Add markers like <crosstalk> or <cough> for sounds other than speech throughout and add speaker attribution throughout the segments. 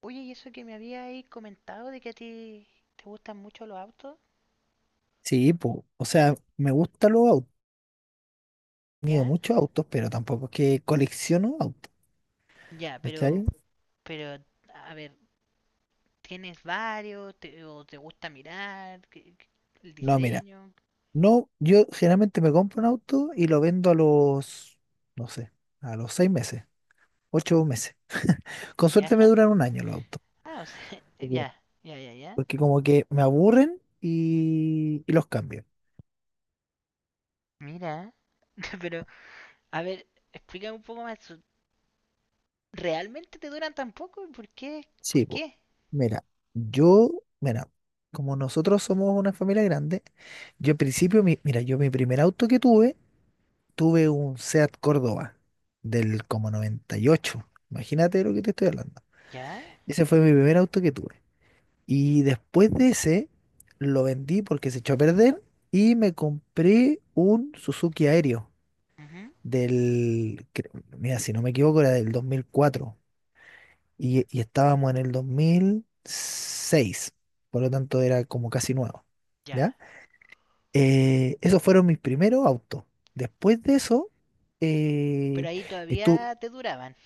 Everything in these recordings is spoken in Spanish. Speaker 1: Oye, y eso que me había ahí comentado de que a ti te gustan mucho los autos.
Speaker 2: Sí, po, o sea, me gustan los autos, he tenido
Speaker 1: ¿Ya?
Speaker 2: muchos autos, pero tampoco es que colecciono autos,
Speaker 1: Ya, pero,
Speaker 2: ¿cachai?
Speaker 1: pero, a ver, ¿tienes varios? ¿Te, o te gusta mirar? ¿El
Speaker 2: No, mira,
Speaker 1: diseño?
Speaker 2: no, yo generalmente me compro un auto y lo vendo a los, no sé, a los 6 meses, 8 meses. Con
Speaker 1: ¿Ya?
Speaker 2: suerte me
Speaker 1: <laughs>
Speaker 2: duran un año los autos,
Speaker 1: Ah, o sea, <laughs>
Speaker 2: porque
Speaker 1: ya, ya, ya, ya.
Speaker 2: porque como que me aburren y los cambio.
Speaker 1: Mira, <laughs> pero, a ver, explícame un poco más. ¿Realmente te duran tan poco? ¿Por qué? ¿Por
Speaker 2: Sí, po,
Speaker 1: qué?
Speaker 2: mira, yo, mira, como nosotros somos una familia grande, yo en principio, mira, yo mi primer auto que tuve un Seat Córdoba del como 98. Imagínate de lo que te estoy hablando.
Speaker 1: ¿Ya?
Speaker 2: Ese fue mi primer auto que tuve. Y después de ese, lo vendí porque se echó a perder y me compré un Suzuki Aéreo
Speaker 1: Ujú.
Speaker 2: del, cre- mira, si no me equivoco, era del 2004 y estábamos en el 2006. Por lo tanto, era como casi nuevo. ¿Ya?
Speaker 1: Ya.
Speaker 2: Esos fueron mis primeros autos. Después de eso, eh,
Speaker 1: Pero ahí
Speaker 2: estuve.
Speaker 1: todavía te duraban.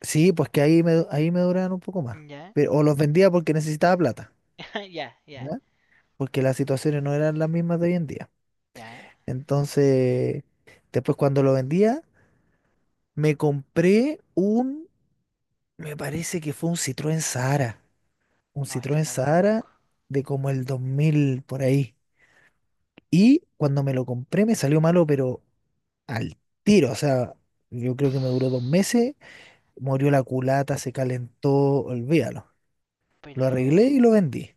Speaker 2: Sí, pues que ahí me duraban un poco más.
Speaker 1: ¿Ya?
Speaker 2: Pero, o los vendía porque necesitaba plata,
Speaker 1: <laughs> Ya, ya,
Speaker 2: ¿ya? Porque las situaciones no eran las mismas de hoy en día.
Speaker 1: ya.
Speaker 2: Entonces, después cuando lo vendía, me compré me parece que fue un Citroën Sahara. Un
Speaker 1: No, este
Speaker 2: Citroën
Speaker 1: no lo conozco.
Speaker 2: Sahara de como el 2000 por ahí. Y cuando me lo compré me salió malo, pero al tiro. O sea, yo creo que me duró dos
Speaker 1: <laughs>
Speaker 2: meses. Murió la culata, se calentó, olvídalo. Lo arreglé y
Speaker 1: Pero...
Speaker 2: lo vendí.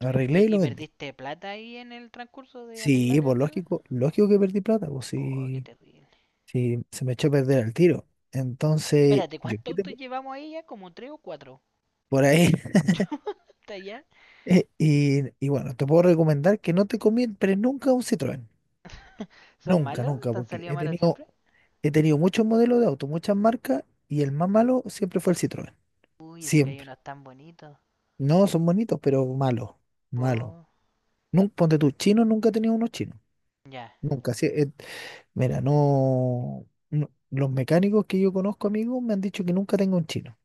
Speaker 2: Lo
Speaker 1: ¿Y,
Speaker 2: arreglé y
Speaker 1: y
Speaker 2: lo vendí.
Speaker 1: perdiste plata ahí en el transcurso de
Speaker 2: Sí,
Speaker 1: arreglarla y
Speaker 2: pues
Speaker 1: venderla?
Speaker 2: lógico, lógico que perdí plata, pues
Speaker 1: Oh, qué
Speaker 2: sí,
Speaker 1: terrible.
Speaker 2: sí, se me echó a perder el tiro. Entonces,
Speaker 1: Espérate,
Speaker 2: yo
Speaker 1: ¿cuántos
Speaker 2: quedé
Speaker 1: autos llevamos ahí ya? ¿Como tres o cuatro?
Speaker 2: por ahí.
Speaker 1: ¿Está ya?
Speaker 2: <laughs> Y bueno, te puedo recomendar que no te compres nunca un Citroën.
Speaker 1: ¿Son
Speaker 2: Nunca,
Speaker 1: malos?
Speaker 2: nunca,
Speaker 1: ¿Te han
Speaker 2: porque
Speaker 1: salido malos siempre?
Speaker 2: he tenido muchos modelos de auto, muchas marcas, y el más malo siempre fue el Citroën.
Speaker 1: Uy, eso que hay
Speaker 2: Siempre.
Speaker 1: unos tan bonitos.
Speaker 2: No, son bonitos, pero malos. Malos.
Speaker 1: Oh.
Speaker 2: Ponte tú, chino, nunca he tenido unos chinos.
Speaker 1: Ya.
Speaker 2: Nunca. Sí, mira, los mecánicos que yo conozco, amigos, me han dicho que nunca tengo un chino.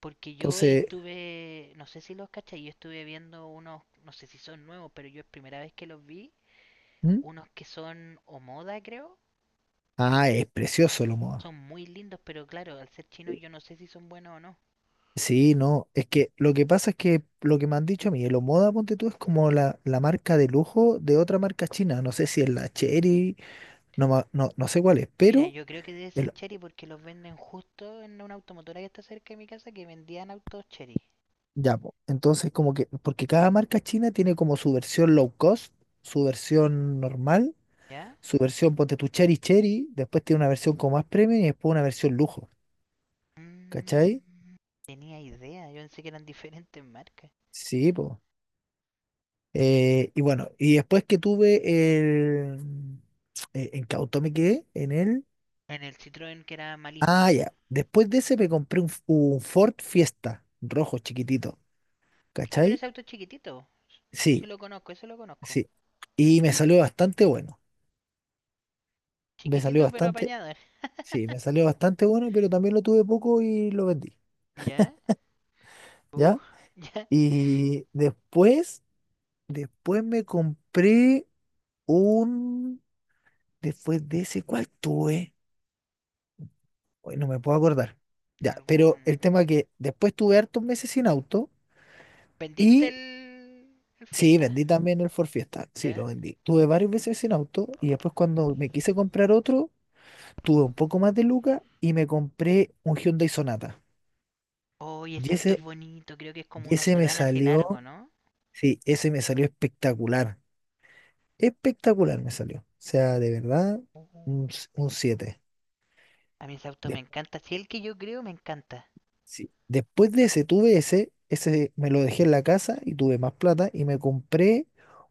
Speaker 1: Porque yo
Speaker 2: Entonces,
Speaker 1: estuve, no sé si los cachai, yo estuve viendo unos, no sé si son nuevos, pero yo es primera vez que los vi,
Speaker 2: ¿mm?
Speaker 1: unos que son o creo,
Speaker 2: Ah, es precioso el Omoda.
Speaker 1: son muy lindos, pero claro, al ser chinos
Speaker 2: Eh,
Speaker 1: yo no sé si son buenos o no.
Speaker 2: Sí, no. Es que lo que pasa es que lo que me han dicho a mí, el Omoda, ponte tú, es como la marca de lujo de otra marca china. No sé si es la Chery, no, no sé cuál es,
Speaker 1: Mira,
Speaker 2: pero
Speaker 1: yo creo que debe ser
Speaker 2: el-
Speaker 1: Chery porque los venden justo en una automotora que está cerca de mi casa que vendían autos Chery.
Speaker 2: ya, po. Entonces, como que, porque cada marca china tiene como su versión low cost, su versión normal,
Speaker 1: ¿Ya?
Speaker 2: su versión, ponte tu, Cherry Cherry, después tiene una versión como más premium y después una versión lujo, ¿cachai?
Speaker 1: Mm, tenía idea, yo pensé que eran diferentes marcas.
Speaker 2: Sí, pues. Y bueno, y después que tuve el... ¿en qué auto me quedé?
Speaker 1: En el Citroën que era
Speaker 2: Ah,
Speaker 1: malísimo.
Speaker 2: ya. Después de ese me compré un Ford Fiesta, rojo, chiquitito,
Speaker 1: Ah, pero
Speaker 2: ¿cachai?
Speaker 1: ese auto es chiquitito. Sí
Speaker 2: Sí,
Speaker 1: lo conozco, eso lo conozco.
Speaker 2: sí. Y me salió bastante bueno. Me salió
Speaker 1: Chiquitito pero
Speaker 2: bastante,
Speaker 1: apañado.
Speaker 2: sí, me salió bastante bueno, pero también lo tuve poco y lo vendí,
Speaker 1: ¿Ya? Uh,
Speaker 2: ¿ya?
Speaker 1: <laughs> ¿ya?
Speaker 2: Y después, me compré un... Después de ese, ¿cuál tuve? Hoy no me puedo acordar. Ya,
Speaker 1: ¿Algún...?
Speaker 2: pero el tema que después tuve hartos meses sin auto
Speaker 1: ¿Vendiste
Speaker 2: y
Speaker 1: el
Speaker 2: sí,
Speaker 1: Fiesta?
Speaker 2: vendí también el Ford Fiesta. Sí,
Speaker 1: ¿Ya?
Speaker 2: lo vendí. Tuve varios meses sin auto y después cuando me quise comprar otro, tuve un poco más de lucas y me compré un Hyundai Sonata.
Speaker 1: Oye, oh,
Speaker 2: Y
Speaker 1: ese auto es
Speaker 2: ese,
Speaker 1: bonito, creo que es como
Speaker 2: y
Speaker 1: uno
Speaker 2: ese me
Speaker 1: sedán así largo,
Speaker 2: salió,
Speaker 1: ¿no?
Speaker 2: sí, ese me salió espectacular. Espectacular me salió. O sea, de verdad,
Speaker 1: Uh,
Speaker 2: un siete.
Speaker 1: a mí ese auto me encanta, si sí, el que yo creo me encanta.
Speaker 2: Sí. Después de ese, tuve ese, ese me lo dejé en la casa y tuve más plata y me compré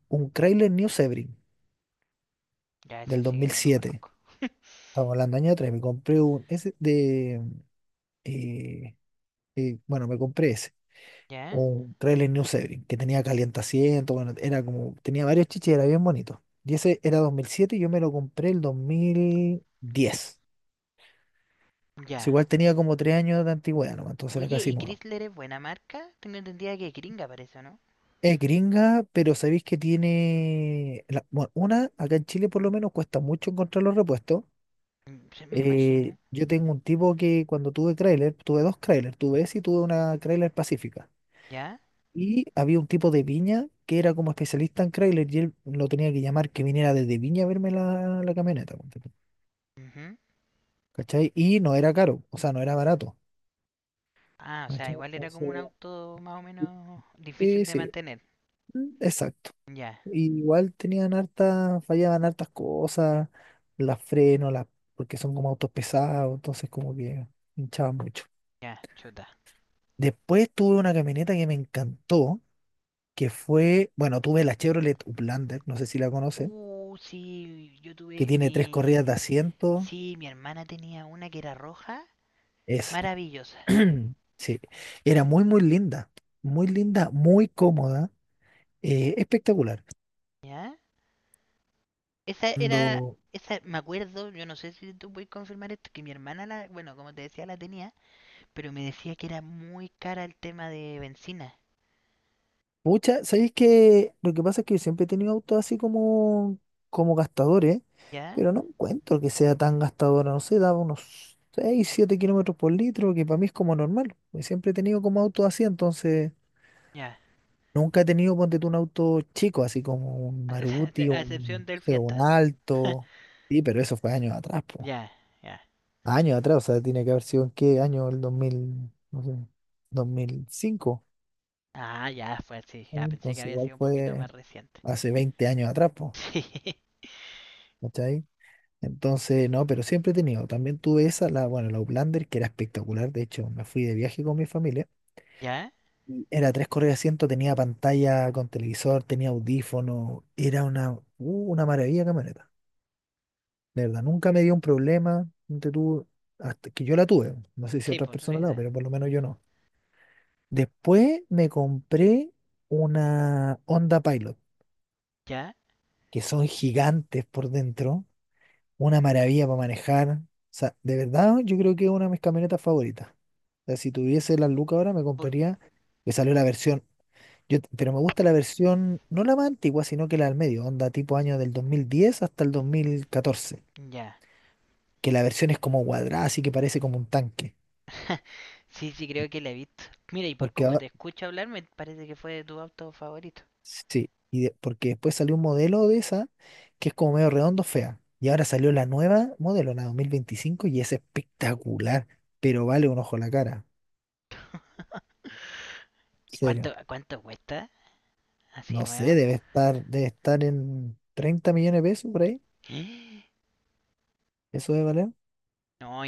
Speaker 2: un Chrysler New Sebring
Speaker 1: Ya, ese
Speaker 2: del
Speaker 1: sí que no lo
Speaker 2: 2007.
Speaker 1: conozco. <laughs>
Speaker 2: Estamos hablando año 3, me compré eh, bueno, me compré ese,
Speaker 1: ¿Ya?
Speaker 2: un Chrysler New Sebring, que tenía calientaciento, bueno, era como, tenía varios chiches, era bien bonito. Y ese era 2007 y yo me lo compré el 2010. O sea,
Speaker 1: Ya.
Speaker 2: igual tenía como 3 años de antigüedad, nomás, entonces era
Speaker 1: Oye,
Speaker 2: casi
Speaker 1: ¿y
Speaker 2: nuevo.
Speaker 1: Chrysler es buena marca? Tengo entendida que es gringa para eso, ¿no?
Speaker 2: Es gringa, pero sabéis que tiene, bueno, una, acá en Chile por lo menos cuesta mucho encontrar los repuestos.
Speaker 1: Mm, se me imagino.
Speaker 2: Yo tengo un tipo que cuando tuve Crailer, tuve dos Crailer, tuve ese y tuve una Crailer Pacífica.
Speaker 1: ¿Ya?
Speaker 2: Y había un tipo de Viña que era como especialista en Crailer y él lo tenía que llamar que viniera desde Viña a verme la camioneta, ponte tú.
Speaker 1: Ujú.
Speaker 2: ¿Cachai? Y no era caro, o sea, no era barato.
Speaker 1: Ah, o sea,
Speaker 2: ¿Cachai?
Speaker 1: igual era como
Speaker 2: Entonces,
Speaker 1: un auto más o menos difícil
Speaker 2: sí,
Speaker 1: de
Speaker 2: sí,
Speaker 1: mantener.
Speaker 2: mm, exacto.
Speaker 1: Ya,
Speaker 2: Y igual tenían hartas, fallaban hartas cosas, las frenos, porque son como autos pesados, entonces como que hinchaban mucho.
Speaker 1: ya, chota.
Speaker 2: Después tuve una camioneta que me encantó, que fue, bueno, tuve la Chevrolet Uplander, no sé si la conoces,
Speaker 1: Sí, yo
Speaker 2: que
Speaker 1: tuve
Speaker 2: tiene tres
Speaker 1: mi...
Speaker 2: corridas de asiento.
Speaker 1: Sí, mi hermana tenía una que era roja,
Speaker 2: Esa.
Speaker 1: maravillosa.
Speaker 2: <clears throat> Sí, era muy, muy linda, muy linda, muy cómoda, espectacular.
Speaker 1: ¿Ya? Esa era... Esa, me acuerdo, yo no sé si tú puedes confirmar esto, que mi hermana la, bueno, como te decía, la tenía, pero me decía que era muy cara el tema de benzina.
Speaker 2: Pucha, sabéis que lo que pasa es que yo siempre he tenido autos así como gastadores,
Speaker 1: ¿Ya?
Speaker 2: pero no encuentro que sea tan gastadora, no sé, daba unos 6, 7 kilómetros por litro, que para mí es como normal. Y siempre he tenido como autos así, entonces
Speaker 1: Ya.
Speaker 2: nunca he tenido, ponte tú, un auto chico, así como un Maruti,
Speaker 1: <laughs> A
Speaker 2: o
Speaker 1: a
Speaker 2: un,
Speaker 1: excepción
Speaker 2: no
Speaker 1: del
Speaker 2: sé, un
Speaker 1: fiesta.
Speaker 2: Alto.
Speaker 1: <laughs>
Speaker 2: Sí, pero eso fue años atrás, pues.
Speaker 1: ya, ya.
Speaker 2: Años atrás, o sea, tiene que haber sido en qué año, el 2000, no sé, 2005.
Speaker 1: Ah, ya, fue así. Ya pensé que
Speaker 2: Entonces
Speaker 1: había
Speaker 2: igual
Speaker 1: sido un poquito más
Speaker 2: fue
Speaker 1: reciente.
Speaker 2: hace
Speaker 1: <laughs>
Speaker 2: 20 años atrás, pues.
Speaker 1: Sí.
Speaker 2: ¿Cachai? Entonces, no, pero siempre he tenido. También tuve esa, la, bueno, la Uplander, que era espectacular. De hecho, me fui de viaje con mi familia.
Speaker 1: ¿Ya?
Speaker 2: Y era tres correas de asiento, tenía pantalla con televisor, tenía audífono. Era una maravilla de camioneta. De verdad, nunca me dio un problema. Ponte tú, hasta que yo la tuve. No sé si
Speaker 1: Sí,
Speaker 2: otras
Speaker 1: pues sí. Sí.
Speaker 2: personas la, han, pero por lo menos yo no. Después me compré una Honda Pilot,
Speaker 1: ¿Ya?
Speaker 2: que son gigantes por dentro. Una maravilla para manejar. O sea, de verdad, yo creo que es una de mis camionetas favoritas. O sea, si tuviese las lucas ahora, me
Speaker 1: Por...
Speaker 2: compraría, que salió la versión, yo, pero me gusta la versión, no la más antigua, sino que la del medio, onda tipo año del 2010 hasta el 2014,
Speaker 1: Ya.
Speaker 2: que la versión es como cuadrada, así que parece como un tanque.
Speaker 1: <laughs> sí, sí, creo que la he visto. Mira, y por
Speaker 2: Porque
Speaker 1: cómo te
Speaker 2: ahora,
Speaker 1: escucho hablar, me parece que fue de tu auto favorito.
Speaker 2: sí, y porque después salió un modelo de esa, que es como medio redondo, fea. Y ahora salió la nueva modelo, la 2025, y es espectacular, pero vale un ojo la cara.
Speaker 1: <laughs> ¿Y cuánto,
Speaker 2: Serio.
Speaker 1: cuánto cuesta? Así
Speaker 2: No sé,
Speaker 1: nueva.
Speaker 2: debe estar, en 30 millones de pesos por ahí.
Speaker 1: <gasps>
Speaker 2: Eso debe valer.
Speaker 1: No,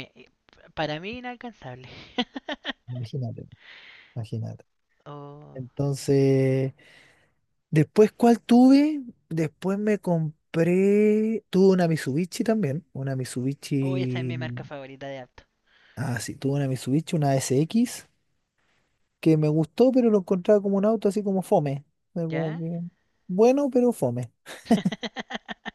Speaker 1: para mí inalcanzable. <laughs>
Speaker 2: Imagínate, imagínate.
Speaker 1: oh.
Speaker 2: Entonces, después, ¿cuál tuve? Después me compré, tuve una Mitsubishi también, una
Speaker 1: Oh, esa es
Speaker 2: Mitsubishi,
Speaker 1: mi marca favorita de auto.
Speaker 2: ah, sí, tuve una Mitsubishi, una SX, que me gustó, pero lo encontraba como un auto así como fome. Fue como
Speaker 1: ¿Ya?
Speaker 2: que, bueno, pero fome.
Speaker 1: <laughs>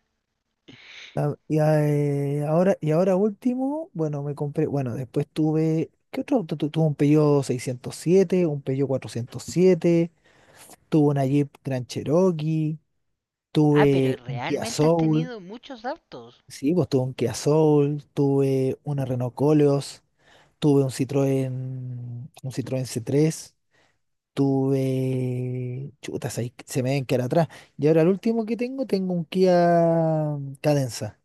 Speaker 2: Ahora último, bueno, me compré, bueno, después tuve, ¿qué otro auto? Tuve un Peugeot 607, un Peugeot 407, tuve una Jeep Grand Cherokee,
Speaker 1: Ah, pero
Speaker 2: tuve un Kia
Speaker 1: realmente has
Speaker 2: Soul,
Speaker 1: tenido muchos autos.
Speaker 2: sí, pues tuve un Kia Soul, tuve una Renault Coleos, tuve un Citroën C3, tuve, chutas, ahí se me ven que era atrás. Y ahora el último que tengo, tengo un Kia Cadenza,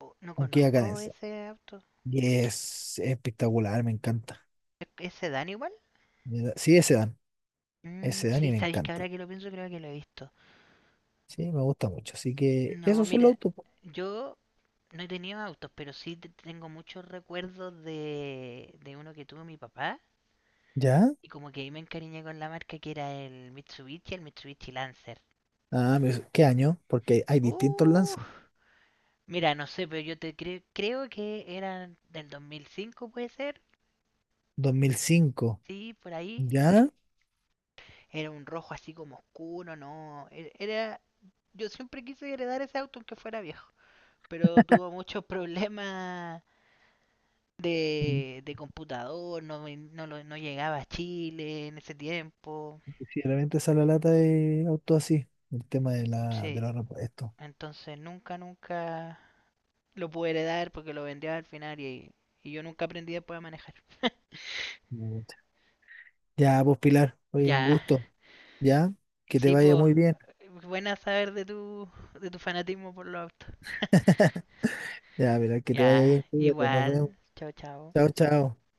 Speaker 1: Oh, no
Speaker 2: un Kia
Speaker 1: conozco
Speaker 2: Cadenza.
Speaker 1: ese auto.
Speaker 2: Y es espectacular, me encanta.
Speaker 1: ¿E- ¿Ese Dan igual?
Speaker 2: Sí,
Speaker 1: Mm,
Speaker 2: ese dan y
Speaker 1: sí,
Speaker 2: me
Speaker 1: sabéis que
Speaker 2: encanta.
Speaker 1: ahora que lo pienso creo que lo he visto.
Speaker 2: Sí, me gusta mucho. Así que
Speaker 1: No,
Speaker 2: esos son los
Speaker 1: mira,
Speaker 2: autos, po.
Speaker 1: yo no he tenido autos, pero sí tengo muchos recuerdos de uno que tuvo mi papá.
Speaker 2: ¿Ya?
Speaker 1: Y como que ahí me encariñé con la marca que era el Mitsubishi Lancer.
Speaker 2: Ah, ¿qué año? Porque hay distintos
Speaker 1: Uh,
Speaker 2: lances.
Speaker 1: Mira, no sé, pero yo te creo que eran del 2005, puede ser.
Speaker 2: 2005.
Speaker 1: Sí, por ahí.
Speaker 2: ¿Ya?
Speaker 1: Era un rojo así como oscuro, no. Era, yo siempre quise heredar ese auto aunque fuera viejo, pero tuvo muchos <laughs> problemas
Speaker 2: Mm,
Speaker 1: de computador, no, no, no llegaba a Chile en ese tiempo.
Speaker 2: sí, realmente sale la lata de autos así. El tema de de
Speaker 1: Sí,
Speaker 2: los repuestos.
Speaker 1: entonces nunca, nunca lo pude heredar porque lo vendía al final y yo nunca aprendí después a manejar. <laughs>
Speaker 2: Pucha. Ya, pues Pilar, oye, un
Speaker 1: Ya,
Speaker 2: gusto. ¿Ya? Que te
Speaker 1: sí,
Speaker 2: vaya
Speaker 1: pues
Speaker 2: muy bien.
Speaker 1: buena saber de tu fanatismo por los autos.
Speaker 2: <laughs> Ya, Pilar, que te vaya
Speaker 1: Ya,
Speaker 2: bien, cuídate, nos vemos.
Speaker 1: igual. Chao, chao.
Speaker 2: Chao, chao.